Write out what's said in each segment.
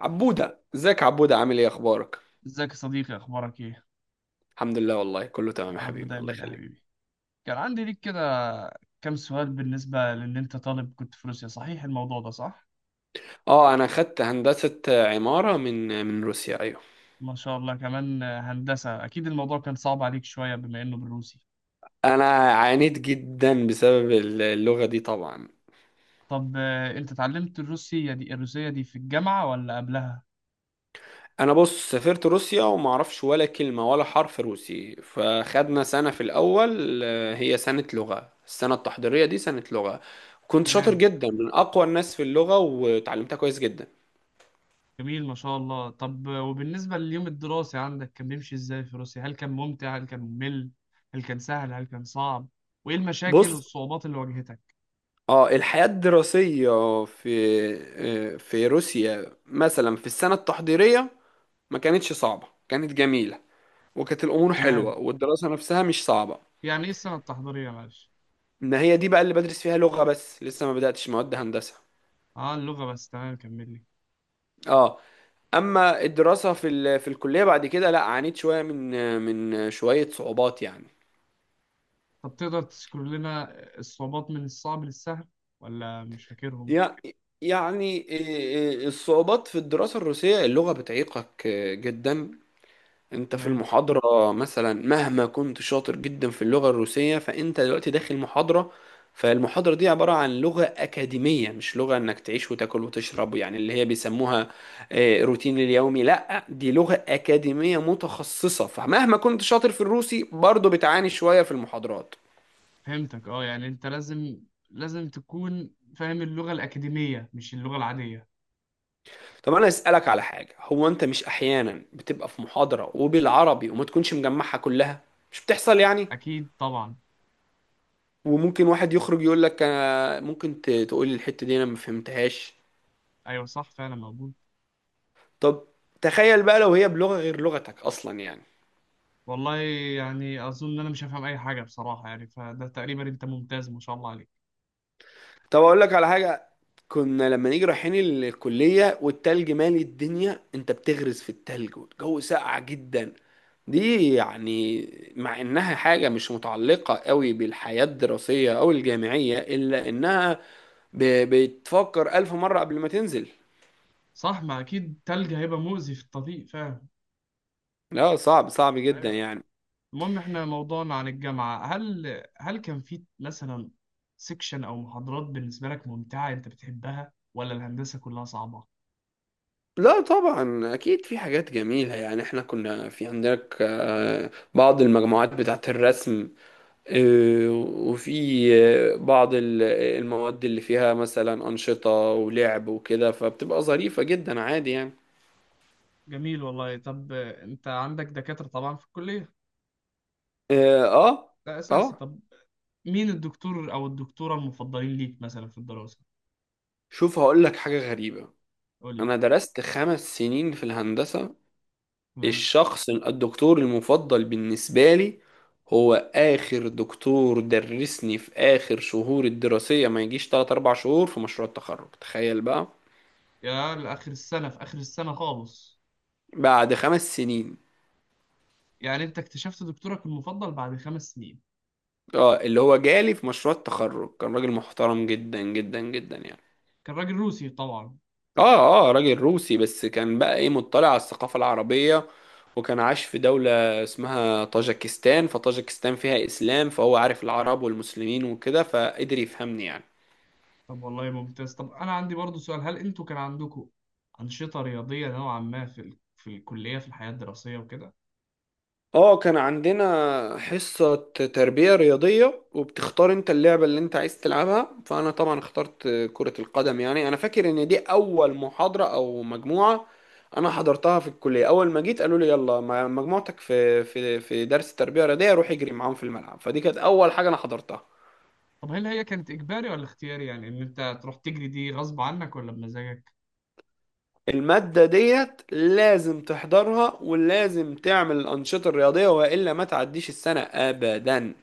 عبودة، ازيك يا عبودة؟ عامل ايه؟ اخبارك؟ ازيك يا صديقي؟ اخبارك ايه؟ الحمد لله، والله كله تمام يا يا رب حبيبي، الله دايما يا يخليك. حبيبي. كان عندي ليك كده كام سؤال، بالنسبة لان انت طالب كنت في روسيا، صحيح الموضوع ده؟ صح، اه، انا خدت هندسة عمارة من روسيا، ايوه. ما شاء الله. كمان هندسة، اكيد الموضوع كان صعب عليك شوية بما انه بالروسي. انا عانيت جدا بسبب اللغة دي طبعا. طب انت اتعلمت الروسية دي، الروسية دي في الجامعة ولا قبلها؟ انا بص، سافرت روسيا وما اعرفش ولا كلمة ولا حرف روسي، فخدنا سنة في الاول، هي سنة لغة. السنة التحضيرية دي سنة لغة. كنت شاطر تمام، جدا، من اقوى الناس في اللغة، وتعلمتها كويس جدا. جميل ما شاء الله. طب وبالنسبة لليوم الدراسي عندك، كان بيمشي ازاي في روسيا؟ هل كان ممتع هل كان ممل؟ هل كان سهل هل كان صعب؟ وايه المشاكل بص، والصعوبات اللي واجهتك؟ اه، الحياة الدراسية في روسيا مثلا في السنة التحضيرية، ما كانتش صعبة، كانت جميلة، وكانت الأمور حلوة تمام. والدراسة نفسها مش صعبة. يعني ايه السنة التحضيرية؟ معلش. إن هي دي بقى اللي بدرس فيها لغة بس، لسه ما بدأتش مواد هندسة. اه، اللغة بس، تمام كمل لي. اه، أما الدراسة في الكلية بعد كده، لا عانيت شوية من شوية صعوبات يعني. طب تقدر تذكر لنا الصعوبات من الصعب للسهل، ولا مش فاكرهم؟ يع- يعني إيه، الصعوبات في الدراسة، الروسية اللغة بتعيقك جدا. انت في تمام، المحاضرة مثلا، مهما كنت شاطر جدا في اللغة الروسية، فانت دلوقتي داخل محاضرة. فالمحاضرة دي عبارة عن لغة أكاديمية، مش لغة انك تعيش وتاكل وتشرب، يعني اللي هي بيسموها روتين اليومي. لا، دي لغة أكاديمية متخصصة، فمهما كنت شاطر في الروسي برضه بتعاني شوية في المحاضرات. فهمتك. اه، يعني انت لازم، لازم تكون فاهم اللغة الأكاديمية مش اللغة العادية. طب انا اسألك على حاجة. هو انت مش احيانا بتبقى في محاضرة وبالعربي وما تكونش مجمعها كلها؟ مش بتحصل يعني؟ أكيد طبعا. وممكن واحد يخرج يقول لك: أنا ممكن تقول لي الحتة دي، انا ما فهمتهاش؟ أيوة صح، فعلا موجود. طب تخيل بقى لو هي بلغة غير لغتك اصلا يعني. والله، يعني أظن إن أنا مش هفهم أي حاجة بصراحة، يعني فده تقريبا. أنت ممتاز ما شاء الله عليك. طب اقول لك على حاجة. كنا لما نيجي رايحين الكلية والتلج مالي الدنيا، انت بتغرز في التلج والجو ساقع جدا. دي يعني مع انها حاجة مش متعلقة قوي بالحياة الدراسية او الجامعية، الا انها بتفكر الف مرة قبل ما تنزل. صح، ما أكيد تلج هيبقى مؤذي في الطريق فعلا. لا، صعب صعب جدا أيوة. يعني. المهم احنا موضوعنا عن الجامعة، هل كان في مثلا سيكشن او محاضرات بالنسبة لك ممتعة انت بتحبها، ولا الهندسة كلها صعبة؟ لا طبعا، اكيد في حاجات جميله يعني. احنا كنا في عندك بعض المجموعات بتاعه الرسم، وفي بعض المواد اللي فيها مثلا انشطه ولعب وكده، فبتبقى ظريفه جدا عادي يعني. جميل والله. طب انت عندك دكاترة طبعا في الكلية، اه، ده اساسي. طبعا. طب مين الدكتور او الدكتورة المفضلين ليك مثلا في الدراسة؟ شوف، هقول لك حاجه غريبه. قول لي. انا درست 5 سنين في الهندسه. تمام. الشخص الدكتور المفضل بالنسبة لي هو آخر دكتور درسني في آخر شهور الدراسية، ما يجيش 3 4 شهور في مشروع التخرج. تخيل بقى، يا لآخر السنة، في آخر السنة خالص! بعد 5 سنين. يعني انت اكتشفت دكتورك المفضل بعد 5 سنين؟ اه، اللي هو جالي في مشروع التخرج كان راجل محترم جدا جدا جدا يعني. كان راجل روسي طبعا. اه، اه، راجل روسي، بس كان بقى ايه، مطلع على الثقافة العربية، وكان عاش في دولة اسمها طاجكستان. فطاجكستان فيها إسلام، فهو عارف العرب والمسلمين وكده، فقدر يفهمني يعني. طب والله ممتاز. طب انا عندي برضو سؤال، هل انتوا كان عندكم انشطه رياضيه نوعا ما في ال... في الكليه، في الحياه الدراسيه وكده؟ اه كان عندنا حصة تربية رياضية، وبتختار انت اللعبة اللي انت عايز تلعبها. فانا طبعا اخترت كرة القدم. يعني انا فاكر ان دي اول محاضرة او مجموعة انا حضرتها في الكلية. اول ما جيت، قالوا لي يلا مجموعتك في درس تربية رياضية، روح اجري معاهم في الملعب. فدي كانت اول حاجة انا حضرتها. طب هل هي كانت اجباري ولا اختياري؟ يعني ان انت تروح تجري دي غصب عنك ولا بمزاجك؟ المادة ديت لازم تحضرها، ولازم تعمل الأنشطة الرياضية، وإلا ما تعديش السنة أبدا.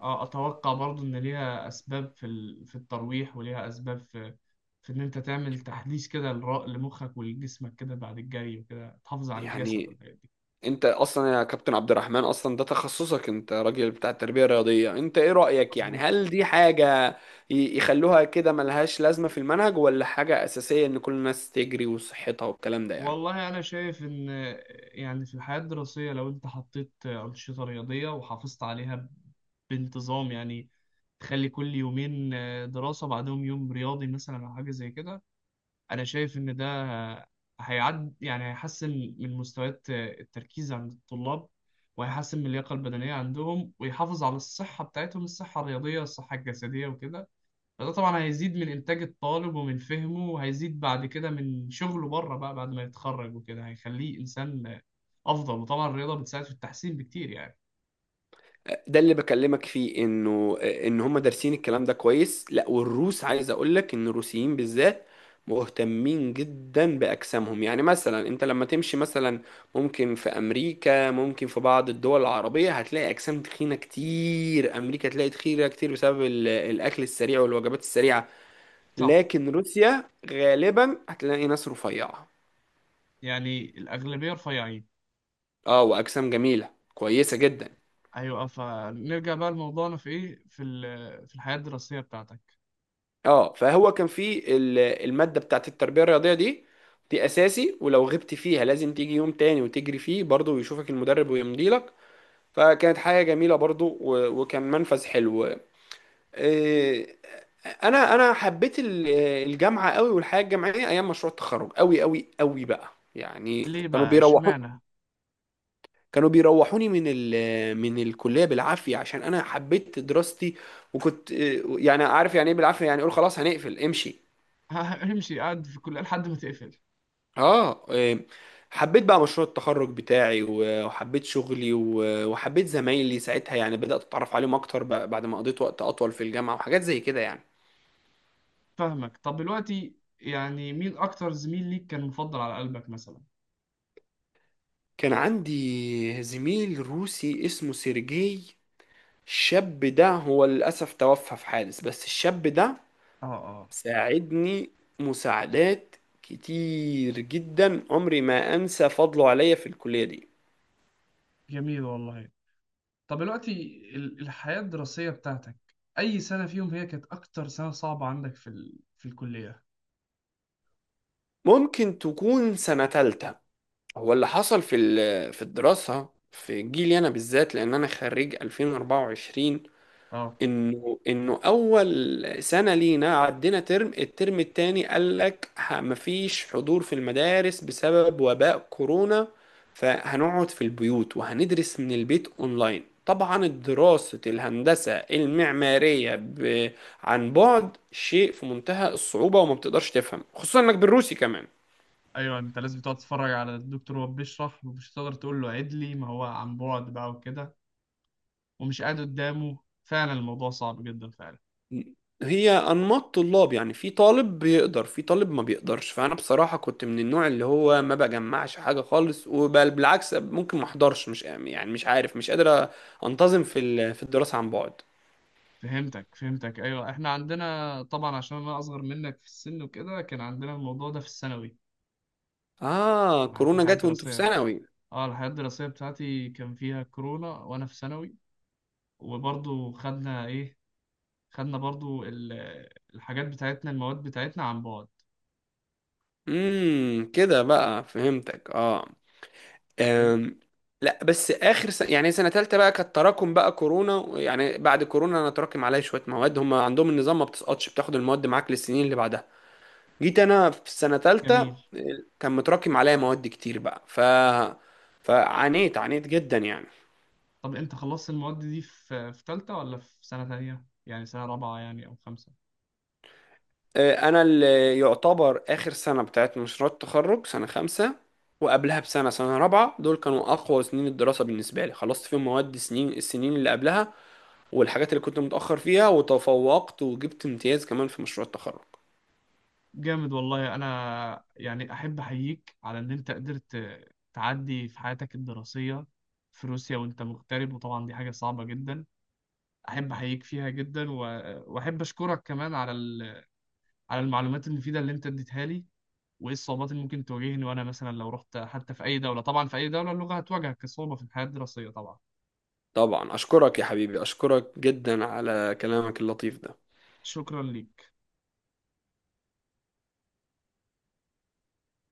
اه، اتوقع برضو ان ليها اسباب في ال... في الترويح، وليها اسباب في في ان انت تعمل تحديث كده لمخك ولجسمك كده بعد الجري وكده، تحافظ على الجسد يعني والحاجات دي. انت اصلا يا كابتن عبد الرحمن، اصلا ده تخصصك، انت راجل بتاع التربيه الرياضيه. انت ايه رايك يعني؟ مظبوط. هل دي حاجه يخلوها كده ملهاش لازمه في المنهج، ولا حاجه اساسيه ان كل الناس تجري وصحتها والكلام ده يعني؟ والله أنا شايف إن يعني في الحياة الدراسية لو أنت حطيت أنشطة رياضية وحافظت عليها بانتظام، يعني تخلي كل يومين دراسة بعدهم يوم رياضي مثلا أو حاجة زي كده، أنا شايف إن ده هيعد، يعني هيحسن من مستويات التركيز عند الطلاب، وهيحسن من اللياقة البدنية عندهم، ويحافظ على الصحة بتاعتهم، الصحة الرياضية الصحة الجسدية وكده. فده طبعا هيزيد من إنتاج الطالب ومن فهمه، وهيزيد بعد كده من شغله بره بقى بعد ما يتخرج وكده، هيخليه إنسان أفضل. وطبعا الرياضة بتساعد في التحسين بكتير يعني. ده اللي بكلمك فيه، انه ان هم دارسين الكلام ده كويس. لا، والروس عايز اقول لك ان الروسيين بالذات مهتمين جدا باجسامهم. يعني مثلا انت لما تمشي مثلا، ممكن في امريكا، ممكن في بعض الدول العربية، هتلاقي اجسام تخينة كتير. امريكا تلاقي تخينة كتير بسبب الاكل السريع والوجبات السريعة. صح. لكن روسيا غالبا هتلاقي ناس رفيعة، يعني الأغلبية رفيعين. اه، واجسام جميلة كويسة جدا. أيوة. فنرجع بقى لموضوعنا في إيه، في ال- في الحياة الدراسية بتاعتك. اه، فهو كان في المادة بتاعت التربية الرياضية دي. دي اساسي، ولو غبت فيها لازم تيجي يوم تاني وتجري فيه برضه ويشوفك المدرب ويمضي لك. فكانت حاجة جميلة برضه، وكان منفذ حلو. إيه، انا حبيت الجامعة قوي، والحياة الجامعية ايام مشروع التخرج قوي قوي قوي بقى. يعني ليه بقى؟ إشمعنى؟ كانوا بيروحوني من الكلية بالعافية، عشان انا حبيت دراستي. وكنت يعني عارف يعني ايه بالعافية، يعني اقول خلاص هنقفل امشي. امشي قاعد في الكلية لحد ما تقفل. اه، حبيت بقى مشروع التخرج بتاعي، وحبيت شغلي، وحبيت زمايلي ساعتها. يعني بدأت اتعرف عليهم اكتر بقى بعد ما قضيت وقت اطول في الجامعة وحاجات زي كده يعني. فاهمك. طب دلوقتي يعني مين أكتر زميل ليك كان مفضل على قلبك مثلا؟ كان عندي زميل روسي اسمه سيرجي. الشاب ده هو للأسف توفى في حادث. بس الشاب ده اه اه. ساعدني مساعدات كتير جدا، عمري ما انسى فضله عليا في الكلية دي. جميل والله. طب دلوقتي ال- الحياة الدراسية بتاعتك، أي سنة فيهم هي كانت أكتر سنة صعبة عندك في ال... في الكلية؟ ممكن تكون سنة تالتة. هو اللي حصل في الدراسة في جيلي أنا بالذات، لأن أنا خريج 2024، أه. إنه أول سنة لينا عدينا ترم، الترم التاني قال لك مفيش حضور في المدارس بسبب وباء كورونا. فهنقعد في البيوت وهندرس من البيت أونلاين. طبعا دراسة الهندسة المعمارية عن بعد شيء في منتهى الصعوبة، وما بتقدرش تفهم، خصوصا إنك بالروسي كمان. أيوه، أنت لازم تقعد تتفرج على الدكتور وهو بيشرح، ومش هتقدر تقول له عيد لي، ما هو عن بعد بقى وكده، ومش قاعد قدامه، فعلا الموضوع صعب جدا فعلا. هي انماط طلاب يعني، في طالب بيقدر، في طالب ما بيقدرش. فانا بصراحه كنت من النوع اللي هو ما بجمعش حاجه خالص، بالعكس ممكن ما احضرش، مش يعني مش عارف مش قادر انتظم في الدراسه عن بعد. فهمتك أيوه، إحنا عندنا طبعا، عشان أنا أصغر منك في السن وكده، كان عندنا الموضوع ده في الثانوي. اه في كورونا الحياة جت وانتوا في الدراسية، ثانوي. اه الحياة الدراسية بتاعتي كان فيها كورونا وأنا في ثانوي، وبرضه خدنا إيه، خدنا برضو ال- الحاجات بتاعتنا المواد بتاعتنا عن بعد. كده بقى فهمتك. اه. أوكي؟ أم. لا بس، اخر سنة يعني سنه ثالثه بقى كانت تراكم بقى كورونا. يعني بعد كورونا، انا تراكم عليا شويه مواد. هم عندهم النظام ما بتسقطش، بتاخد المواد معاك للسنين اللي بعدها. جيت انا في السنه ثالثه، جميل. كان متراكم عليا مواد كتير بقى. فعانيت عانيت جدا يعني. طب انت خلصت المواد دي في في تالتة، ولا في سنة تانية يعني سنة رابعة يعني او خمسة؟ انا اللي يعتبر اخر سنه بتاعت مشروع التخرج سنه خمسة، وقبلها بسنه، سنه رابعه. دول كانوا اقوى سنين الدراسه بالنسبه لي. خلصت فيهم مواد سنين السنين اللي قبلها والحاجات اللي كنت متاخر فيها، وتفوقت وجبت امتياز كمان في مشروع التخرج. جامد والله. انا يعني احب احييك على ان انت قدرت تعدي في حياتك الدراسية في روسيا وانت مغترب، وطبعا دي حاجة صعبة جدا. احب احييك فيها جدا، و- واحب اشكرك كمان على ال- على المعلومات المفيدة اللي انت اديتها لي، وايه الصعوبات اللي ممكن تواجهني وانا مثلا لو رحت حتى في اي دوله. طبعا في اي دوله اللغه هتواجهك كصعوبه في الحياه الدراسيه طبعا. طبعا اشكرك يا حبيبي، اشكرك جدا على كلامك اللطيف ده. شكرا ليك.